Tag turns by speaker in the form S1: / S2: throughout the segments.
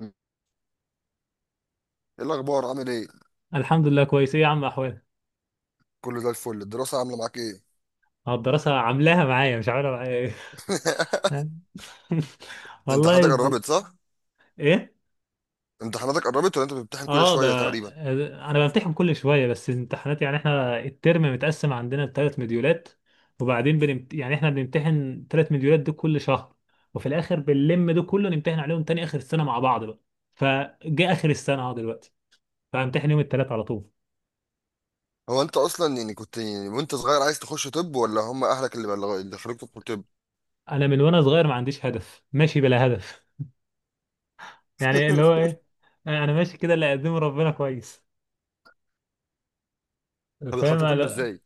S1: ايه؟ الاخبار؟ عامل ايه؟
S2: الحمد لله، كويس. ايه يا عم احوالك؟
S1: كله زي الفل. الدراسه عامله معاك ايه؟
S2: اه، الدراسة عاملاها معايا مش عاملة معايا ايه.
S1: امتحاناتك
S2: والله
S1: قربت، صح؟
S2: ايه.
S1: امتحاناتك قربت ولا انت بتمتحن كل
S2: اه ده
S1: شويه تقريبا؟
S2: انا بمتحن كل شوية، بس الامتحانات يعني احنا الترم متقسم عندنا لثلاث مديولات. وبعدين يعني احنا بنمتحن ثلاث مديولات دول كل شهر، وفي الاخر بنلم دول كله نمتحن عليهم تاني اخر السنة مع بعض بقى. فجاء اخر السنة اهو دلوقتي، فامتحن يوم الثلاث على طول.
S1: هو انت اصلا يعني كنت يعني وانت صغير عايز تخش طب، ولا هم اهلك اللي خلوك تدخل طب؟
S2: انا من وانا صغير ما عنديش هدف، ماشي بلا هدف، يعني اللي هو ايه، انا ماشي كده، اللي يقدمه ربنا كويس
S1: طب
S2: فاهم.
S1: دخلت طب
S2: لا،
S1: ازاي؟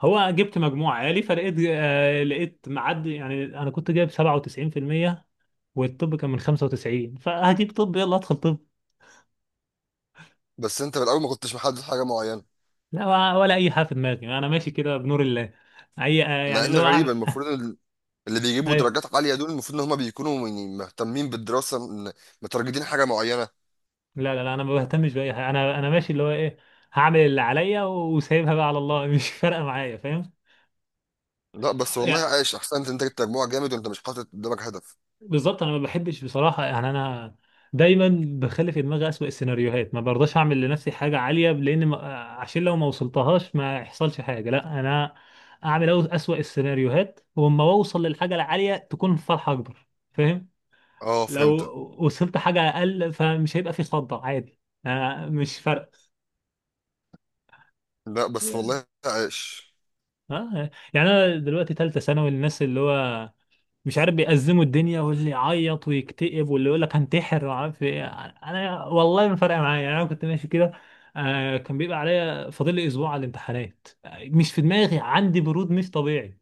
S2: هو جبت مجموع عالي، فلقيت لقيت معدي، يعني انا كنت جايب 97%، والطب كان من 95، فهجيب طب، يلا ادخل طب.
S1: بس انت من الاول ما كنتش محدد حاجه معينه؟
S2: لا، ولا ولا اي حاجه في دماغي، انا ماشي كده بنور الله. اي
S1: مع
S2: يعني اللي
S1: ان
S2: هو اعمل
S1: غريبه، المفروض اللي بيجيبوا
S2: اي.
S1: درجات عاليه دول المفروض ان هم بيكونوا يعني مهتمين بالدراسه، مترجتين حاجه معينه.
S2: لا لا لا، انا ما بهتمش باي حاجه، انا ماشي اللي هو ايه، هعمل اللي عليا وسايبها بقى على الله. مش فارقه معايا فاهم.
S1: لا بس والله عايش، احسنت، انت جبت مجموع جامد وانت مش حاطط قدامك هدف.
S2: بالظبط، انا ما بحبش بصراحه، يعني انا دايما بخلي في دماغي اسوأ السيناريوهات، ما برضاش اعمل لنفسي حاجه عاليه لان ما... عشان لو ما وصلتهاش ما يحصلش حاجه، لا انا اعمل اسوأ السيناريوهات، واما اوصل للحاجه العاليه تكون فرحه اكبر فاهم.
S1: اه،
S2: لو
S1: فهمت.
S2: وصلت حاجه اقل فمش هيبقى في خضه، عادي، أنا مش فارق.
S1: لا بس والله عايش.
S2: اه، يعني انا دلوقتي ثالثه ثانوي، الناس اللي هو مش عارف بيأزموا الدنيا، واللي يعيط ويكتئب، واللي يقول لك هنتحر وعارف ايه. انا والله ما فارقه معايا، يعني انا كنت ماشي كده. آه، كان بيبقى عليا فاضل لي اسبوع على الامتحانات، مش في دماغي، عندي برود مش طبيعي.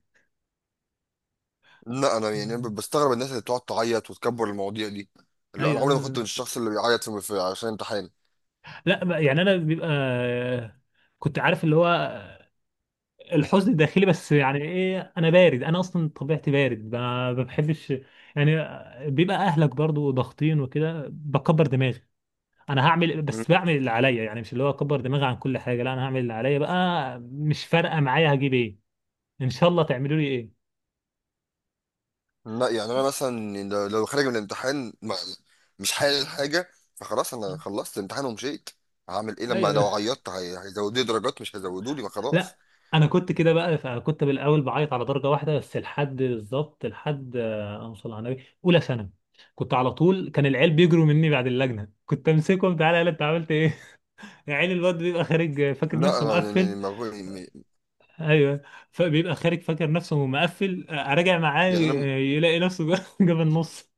S1: لا انا يعني
S2: مم.
S1: بستغرب الناس اللي بتقعد تعيط وتكبر المواضيع دي. لا انا
S2: ايوه
S1: عمري ما
S2: آه.
S1: كنت من الشخص اللي بيعيط عشان امتحان.
S2: لا بقى- يعني انا بيبقى كنت عارف اللي هو الحزن الداخلي، بس يعني ايه، انا بارد، انا اصلا طبيعتي بارد، ما بحبش يعني. بيبقى اهلك برضو ضاغطين وكده بكبر دماغي، انا هعمل،
S1: مم.
S2: بس بعمل اللي عليا، يعني مش اللي هو اكبر دماغي عن كل حاجه، لا انا هعمل اللي عليا بقى، مش فارقه معايا هجيب ايه. ان شاء الله تعملوا لي ايه.
S1: لا يعني انا مثلا يعني لو خارج من الامتحان ما مش حالل حاجه، فخلاص انا خلصت الامتحان ومشيت. هعمل ايه لما
S2: ايوه.
S1: لو عيطت؟ هيزودوا لي درجات؟ مش هيزودوا لي، ما خلاص.
S2: لا، انا كنت كده بقى، فكنت بالاول بعيط على درجه واحده بس، لحد بالظبط لحد اوصل على النبي اولى ثانوي. كنت على طول كان العيال بيجروا مني بعد اللجنه، كنت امسكهم تعالى يلا انت عملت ايه. عيل الواد بيبقى خارج فاكر
S1: لا
S2: نفسه
S1: انا يعني
S2: مقفل.
S1: ما بقول- يعني
S2: ايوه. فبيبقى خارج فاكر نفسه مقفل، راجع معاه
S1: يعني انا.
S2: يلاقي نفسه جاب النص.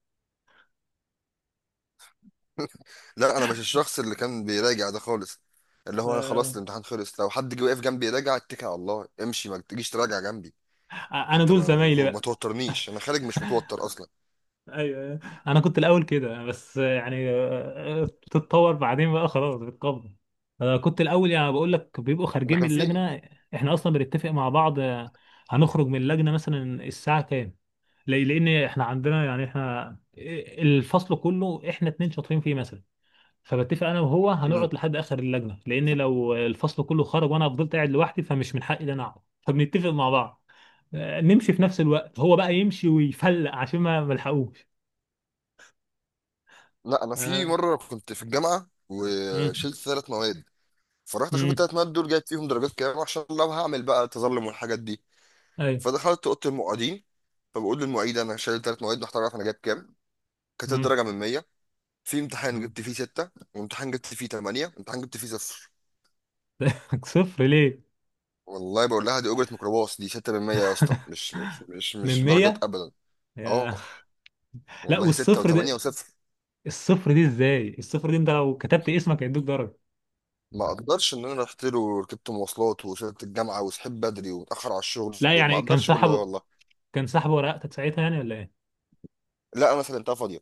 S1: لا انا مش الشخص اللي كان بيراجع ده خالص، اللي هو انا خلاص، الامتحان خلص، لو حد جه واقف جنبي يراجع اتكل على الله امشي، ما تجيش تراجع جنبي.
S2: انا
S1: انت
S2: دول
S1: ما
S2: زمايلي
S1: ما
S2: بقى.
S1: توترنيش، انا خارج مش متوتر اصلا.
S2: ايوه أيوة. انا كنت الاول كده، بس يعني تتطور بعدين بقى، خلاص بتقبل. أنا كنت الاول يعني بقول لك بيبقوا
S1: انا
S2: خارجين
S1: كان
S2: من
S1: في.
S2: اللجنه، احنا اصلا بنتفق مع بعض، هنخرج من اللجنه مثلا الساعه كام. لان احنا عندنا، يعني احنا الفصل كله احنا اتنين شاطرين فيه مثلا، فبتفق انا وهو
S1: مم.
S2: هنقعد لحد اخر اللجنه، لان لو الفصل كله خرج وانا فضلت قاعد لوحدي فمش من حقي ان انا اقعد، فبنتفق مع بعض نمشي في نفس الوقت، هو بقى يمشي ويفلق عشان ما ملحقوش.
S1: لا انا في
S2: آه.
S1: مره كنت في الجامعه
S2: مم.
S1: وشلت ثلاث مواد، فرحت اشوف
S2: مم.
S1: الثلاث مواد دول جايب فيهم درجات كام، عشان لو هعمل بقى تظلم والحاجات دي.
S2: ايوه.
S1: فدخلت اوضه المعيدين، فبقول للمعيد: انا شايل ثلاث مواد، محتاج اعرف انا جايب كام. كانت
S2: مم.
S1: الدرجه من 100، في امتحان
S2: مم.
S1: جبت فيه 6، وامتحان جبت فيه 8، وامتحان جبت فيه 0.
S2: صفر ليه؟
S1: والله بقول لها: دي اجره ميكروباص، دي 6 من 100 يا اسطى، مش مش مش
S2: من
S1: مش درجات
S2: 100
S1: ابدا.
S2: يا.
S1: اه
S2: لا
S1: والله، 6 و8
S2: والصفر ده،
S1: و0.
S2: الصفر دي ازاي، الصفر دي انت لو كتبت اسمك هيدوك درجه.
S1: ما اقدرش ان انا رحت له وركبت مواصلات وصلت الجامعه وصحيت بدري واتاخر على الشغل،
S2: لا
S1: ما
S2: يعني كان
S1: اقدرش كل ده
S2: سحبه،
S1: والله.
S2: كان سحبه ورقتك ساعتها يعني ولا ايه؟
S1: لا انا سلمتها فاضيه.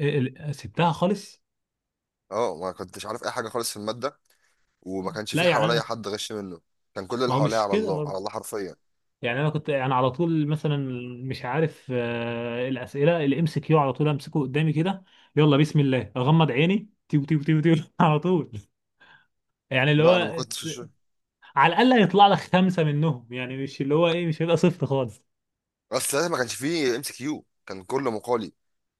S2: إيه- سبتها خالص.
S1: اه، ما كنتش عارف اي حاجه خالص في الماده، وما كانش
S2: لا
S1: في
S2: يعني
S1: حواليا
S2: انا،
S1: حد غش منه، كان كل اللي
S2: ما هو
S1: حواليا
S2: مش
S1: على
S2: كده
S1: الله على
S2: برضه،
S1: الله حرفيا.
S2: يعني انا كنت انا على طول مثلا مش عارف، الاسئله اللي امسك كيو على طول امسكه قدامي كده، يلا بسم الله اغمض عيني تيو تيو تيو تيو على طول، يعني اللي
S1: لا انا ما
S2: هو
S1: كنتش في الشغل.
S2: على الاقل هيطلع لك خمسه منهم، يعني مش اللي هو ايه مش هيبقى صفر خالص.
S1: بس ساعتها ما كانش فيه ام سي كيو، كان كله مقالي.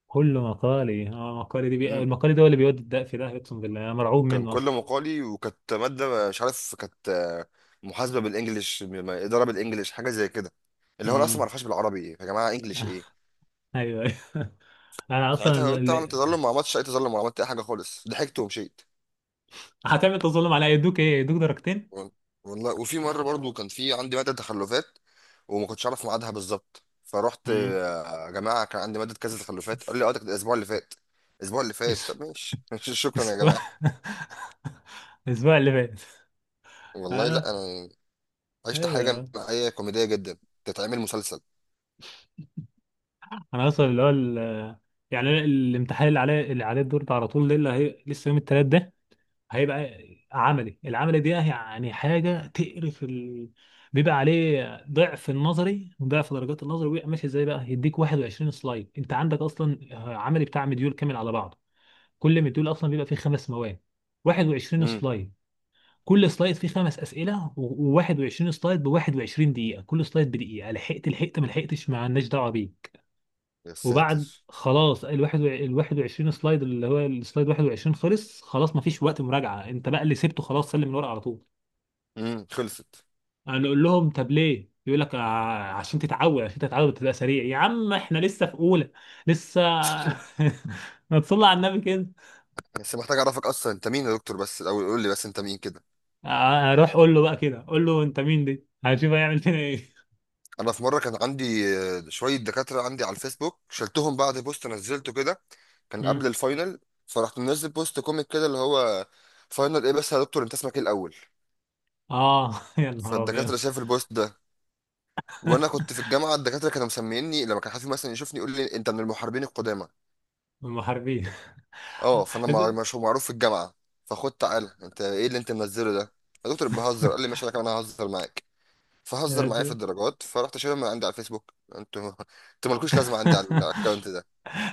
S2: كل مقالي، اه مقالي
S1: امم
S2: المقالي ده هو اللي بيودي الدق في ده، اقسم بالله انا مرعوب
S1: كان
S2: منه
S1: كله
S2: اصلا.
S1: مقالي، وكانت ماده مش عارف كانت، محاسبه بالانجلش، اداره بالانجلش، حاجه زي كده. اللي هو انا اصلا ما
S2: امم
S1: اعرفهاش بالعربي يا جماعه، انجلش ايه.
S2: ايوه أيوة. انا اصلا
S1: ساعتها قلت اعمل
S2: اللي...
S1: تظلم، ما عملتش اي تظلم ولا عملت اي حاجه خالص، ضحكت ومشيت.
S2: هتعمل تظلم عليا يدوك ايه؟ يدوك درجتين.
S1: والله وفي مره برضو كان في عندي ماده تخلفات، وما كنتش اعرف ميعادها بالظبط. فرحت
S2: امم
S1: يا جماعه كان عندي ماده كذا تخلفات، قال لي: اه، ده كانت الاسبوع اللي فات. الاسبوع اللي فات؟
S2: اسف،
S1: طب ماشي، شكرا يا
S2: اسف
S1: جماعه.
S2: الاسبوع اللي فات.
S1: والله
S2: انا
S1: لا انا عشت حاجه
S2: ايوه.
S1: معايا كوميديه جدا، تتعمل مسلسل.
S2: انا اصلا اللي هو يعني أنا الامتحان اللي عليه، اللي عليه الدور ده على طول، ده اللي هي لسه يوم التلات ده، هيبقى عملي، العملي دي يعني يعني حاجه تقرف بيبقى عليه ضعف النظري، وضعف درجات النظري، وبيبقى ماشي ازاي بقى، يديك 21 سلايد انت عندك اصلا، عملي بتاع مديول كامل على بعضه، كل مديول اصلا بيبقى فيه خمس مواد، 21
S1: امم
S2: سلايد، كل سلايد فيه خمس اسئله، و21 سلايد ب 21 دقيقه، كل سلايد بدقيقه، لحقت لحقت ما لحقتش ما لناش دعوه بيه.
S1: يا
S2: وبعد
S1: ساتر.
S2: خلاص الواحد ال 21 سلايد، اللي هو السلايد 21 خلص، خلاص مفيش وقت مراجعه، انت بقى اللي سبته خلاص، سلم الورقه على طول.
S1: خلصت.
S2: انا اقول لهم طب ليه، يقول لك عشان تتعود عشان تتعود تبقى سريع، يا عم احنا لسه في اولى، لسه". ما تصلي على النبي كده.
S1: بس محتاج اعرفك اصلا انت مين يا دكتور، بس الاول قول لي بس انت مين كده.
S2: اروح اقول له بقى كده، اقول له انت مين دي، هنشوف هيعمل فينا ايه.
S1: انا في مره كان عندي شويه دكاتره عندي على الفيسبوك شلتهم بعد بوست نزلته كده. كان قبل
S2: مم.
S1: الفاينل، فرحت منزل بوست كوميك كده اللي هو: فاينل ايه بس يا دكتور؟ انت اسمك ايه الاول؟
S2: اه يا نهار ابيض.
S1: فالدكاتره شاف البوست ده، وانا كنت في الجامعه الدكاتره كانوا مسميني، لما كان حد مثلا يشوفني يقول لي: انت من المحاربين القدامى.
S2: المحاربين.
S1: اه، فانا مش معروف في الجامعه. فخد تعالى، انت ايه اللي انت منزله ده يا دكتور؟ بهزر. قال لي: ماشي انا كمان ههزر معاك، فهزر معايا في الدرجات. فرحت شايلهم من عندي على الفيسبوك، انتوا انتوا مالكوش لازمه عندي على الاكونت ده.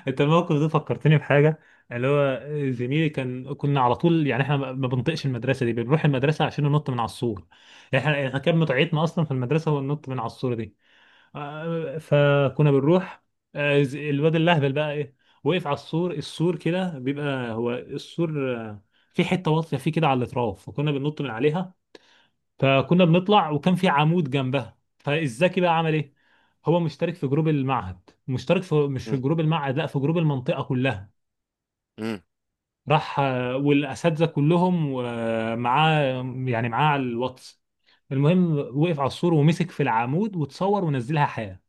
S2: انت الموقف ده فكرتني بحاجه، اللي هو زميلي كان، كنا على طول يعني احنا ما بنطقش المدرسه دي، بنروح المدرسه عشان ننط من على السور، احنا احنا كان متعتنا اصلا في المدرسه هو النط من على السور دي. آه، فكنا بنروح، الواد اللهبل بقى ايه، وقف على السور، السور كده بيبقى هو السور في حته واطيه فيه كده على الاطراف فكنا بننط من عليها. فكنا بنطلع وكان في عمود جنبها، فالزكي بقى عمل ايه، هو مشترك في جروب المعهد، مشترك في مش في جروب المعهد لا في جروب المنطقة كلها،
S1: امم
S2: راح والأساتذة كلهم ومعاه، يعني معاه على الواتس. المهم وقف على السور ومسك في العمود وتصور ونزلها حياة.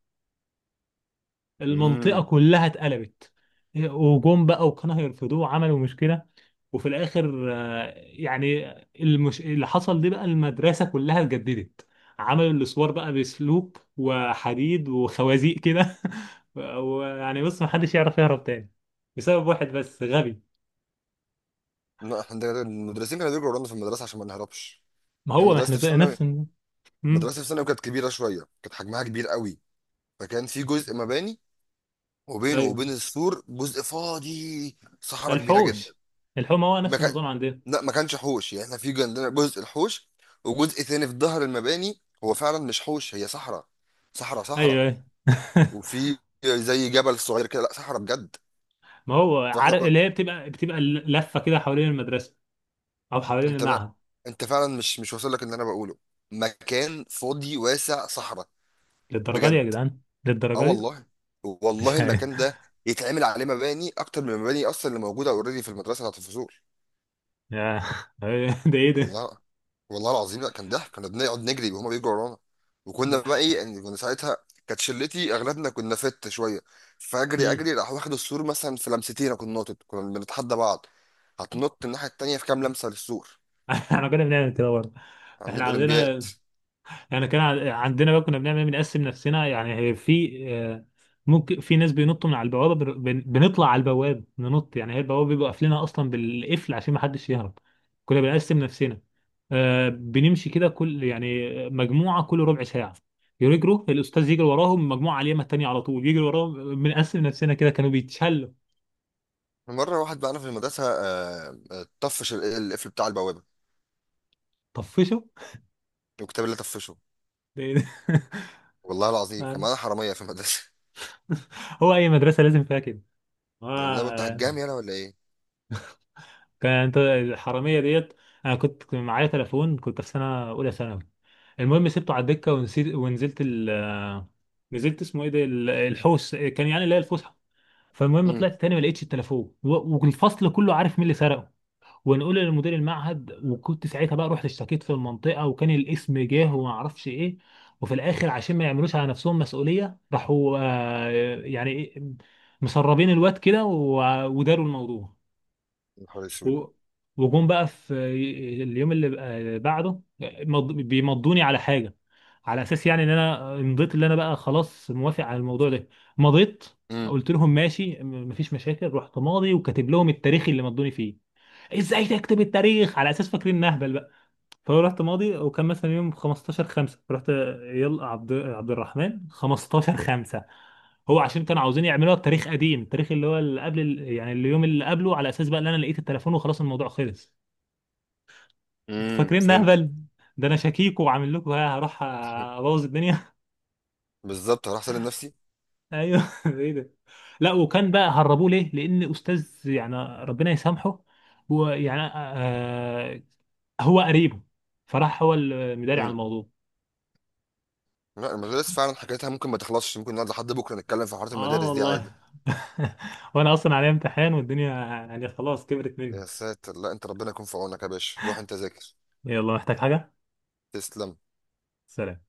S1: امم
S2: المنطقة كلها اتقلبت، وجم بقى وكانوا هيرفضوه وعملوا مشكلة، وفي الآخر يعني اللي حصل دي بقى، المدرسة كلها اتجددت، عملوا الأسوار بقى بسلوب وحديد وخوازيق كده. ويعني بص محدش يعرف يهرب تاني، بسبب واحد بس غبي.
S1: لا احنا المدرسين كانوا بيجروا ورانا في المدرسه عشان ما نهربش.
S2: ما
S1: يعني
S2: هو ما احنا نفس مم.
S1: مدرستي في ثانوي كانت كبيره شويه، كانت حجمها كبير قوي. فكان في جزء مباني، وبينه
S2: ايوه.
S1: وبين السور جزء فاضي، صحراء كبيره
S2: الحوش،
S1: جدا.
S2: الحوش ما هو
S1: ما
S2: نفس
S1: كان.
S2: النظام عندنا.
S1: لا ما كانش حوش، يعني احنا في عندنا جزء الحوش، وجزء ثاني في ظهر المباني هو فعلا مش حوش، هي صحراء. صحراء
S2: ايوه
S1: صحراء.
S2: أيوة.
S1: وفي زي جبل صغير كده، لا صحراء بجد.
S2: ما هو
S1: فاحنا
S2: عارف اللي هي بتبقى بتبقى لفة كده حوالين المدرسة او حوالين
S1: انت ما...
S2: المعهد.
S1: انت فعلا مش واصل لك اللي انا بقوله، مكان فاضي واسع، صحراء
S2: للدرجة دي يا
S1: بجد.
S2: جدعان؟
S1: اه
S2: للدرجة دي؟
S1: والله، والله
S2: مش عارف.
S1: المكان ده يتعمل عليه مباني اكتر من المباني اصلا اللي موجوده اوريدي في المدرسه بتاعت الفصول.
S2: يا ده ايه ده.
S1: والله، والله العظيم لا كان ضحك، كنا بنقعد نجري وهما بيجروا ورانا. وكنا بقى
S2: ده-
S1: ايه، يعني كنا ساعتها كانت شلتي اغلبنا كنا فت شويه، فاجري
S2: مم.
S1: اجري راح واخد السور مثلا في لمستين، أنا كنت ناطط، كنا بنتحدى بعض: هتنط الناحيه التانيه في كام لمسه للسور؟
S2: احنا كنا بنعمل كده برضه. احنا
S1: عاملين اولمبياد.
S2: عندنا، احنا كان عندنا بقى كنا بنعمل، بنقسم نفسنا، يعني هي في ممكن في ناس بينطوا من على البوابه، بنطلع على البواب ننط، يعني هي البوابه بيبقوا قافلينها اصلا بالقفل عشان ما حدش يهرب. كنا بنقسم نفسنا بنمشي كده كل يعني مجموعه كل ربع ساعه يجروا، الاستاذ يجري وراهم، مجموعه على اليمه التانيه على طول يجري وراهم، بنقسم نفسنا كده كانوا بيتشلوا.
S1: مرة واحد بقى في المدرسة طفش القفل بتاع البوابة،
S2: طفشه.
S1: الكتاب اللي طفشه.
S2: ده-
S1: والله العظيم كان
S2: آه.
S1: معانا حرامية في المدرسة.
S2: هو اي مدرسه لازم فيها كده.
S1: والله وانت
S2: آه.
S1: هتجامي انا ولا ايه؟
S2: كانت الحراميه ديت، انا كنت معايا تليفون كنت في سنه اولى ثانوي، المهم سبته على الدكه ونسيت ونزلت ال نزلت اسمه ايه ده الحوش كان يعني اللي هي الفسحه. فالمهم
S1: امم
S2: طلعت تاني ما لقيتش التليفون، والفصل كله عارف مين اللي سرقه. ونقول لمدير المعهد، وكنت ساعتها بقى رحت اشتكيت في المنطقه، وكان الاسم جه وما اعرفش ايه. وفي الاخر عشان ما يعملوش على نفسهم مسؤوليه راحوا يعني مسربين الواد كده، وداروا الموضوع.
S1: يا نهار اسود.
S2: و وجم بقى في اليوم اللي بعده بيمضوني على حاجه، على اساس يعني ان انا مضيت، اللي انا بقى خلاص موافق على الموضوع ده، مضيت.
S1: امم
S2: قلت لهم ماشي، مفيش مشاكل، رحت ماضي وكاتب لهم التاريخ اللي مضوني فيه. ازاي تكتب التاريخ؟ على اساس فاكرين نهبل بقى. فهو رحت ماضي وكان مثلا يوم 15 5، رحت يلا عبد عبد الرحمن 15 5. هو عشان كانوا عاوزين يعملوها بتاريخ قديم، التاريخ اللي هو اللي قبل يعني اليوم اللي قبله، على اساس بقى ان انا لقيت التليفون وخلاص الموضوع خلص. انتوا فاكرين
S1: فهمتك.
S2: نهبل. ده انا شكيك وعامل لكم ها هروح ابوظ الدنيا.
S1: بالظبط، هروح اسلم نفسي.
S2: ايوه ايه ده. لا، وكان بقى هربوه ليه، لان استاذ، يعني ربنا يسامحه، هو يعني هو قريبه، فراح هو المداري على
S1: امم
S2: الموضوع.
S1: لا المدارس فعلا حكايتها ممكن ما تخلصش، ممكن نقعد لحد بكرة نتكلم في حوارات
S2: اه
S1: المدارس دي عادي.
S2: والله. وانا اصلا عليا امتحان والدنيا، يعني خلاص كبرت مني.
S1: يا ساتر، لا انت ربنا يكون في عونك يا باشا، روح انت ذاكر.
S2: يلا، محتاج حاجة؟
S1: تسلم.
S2: سلام.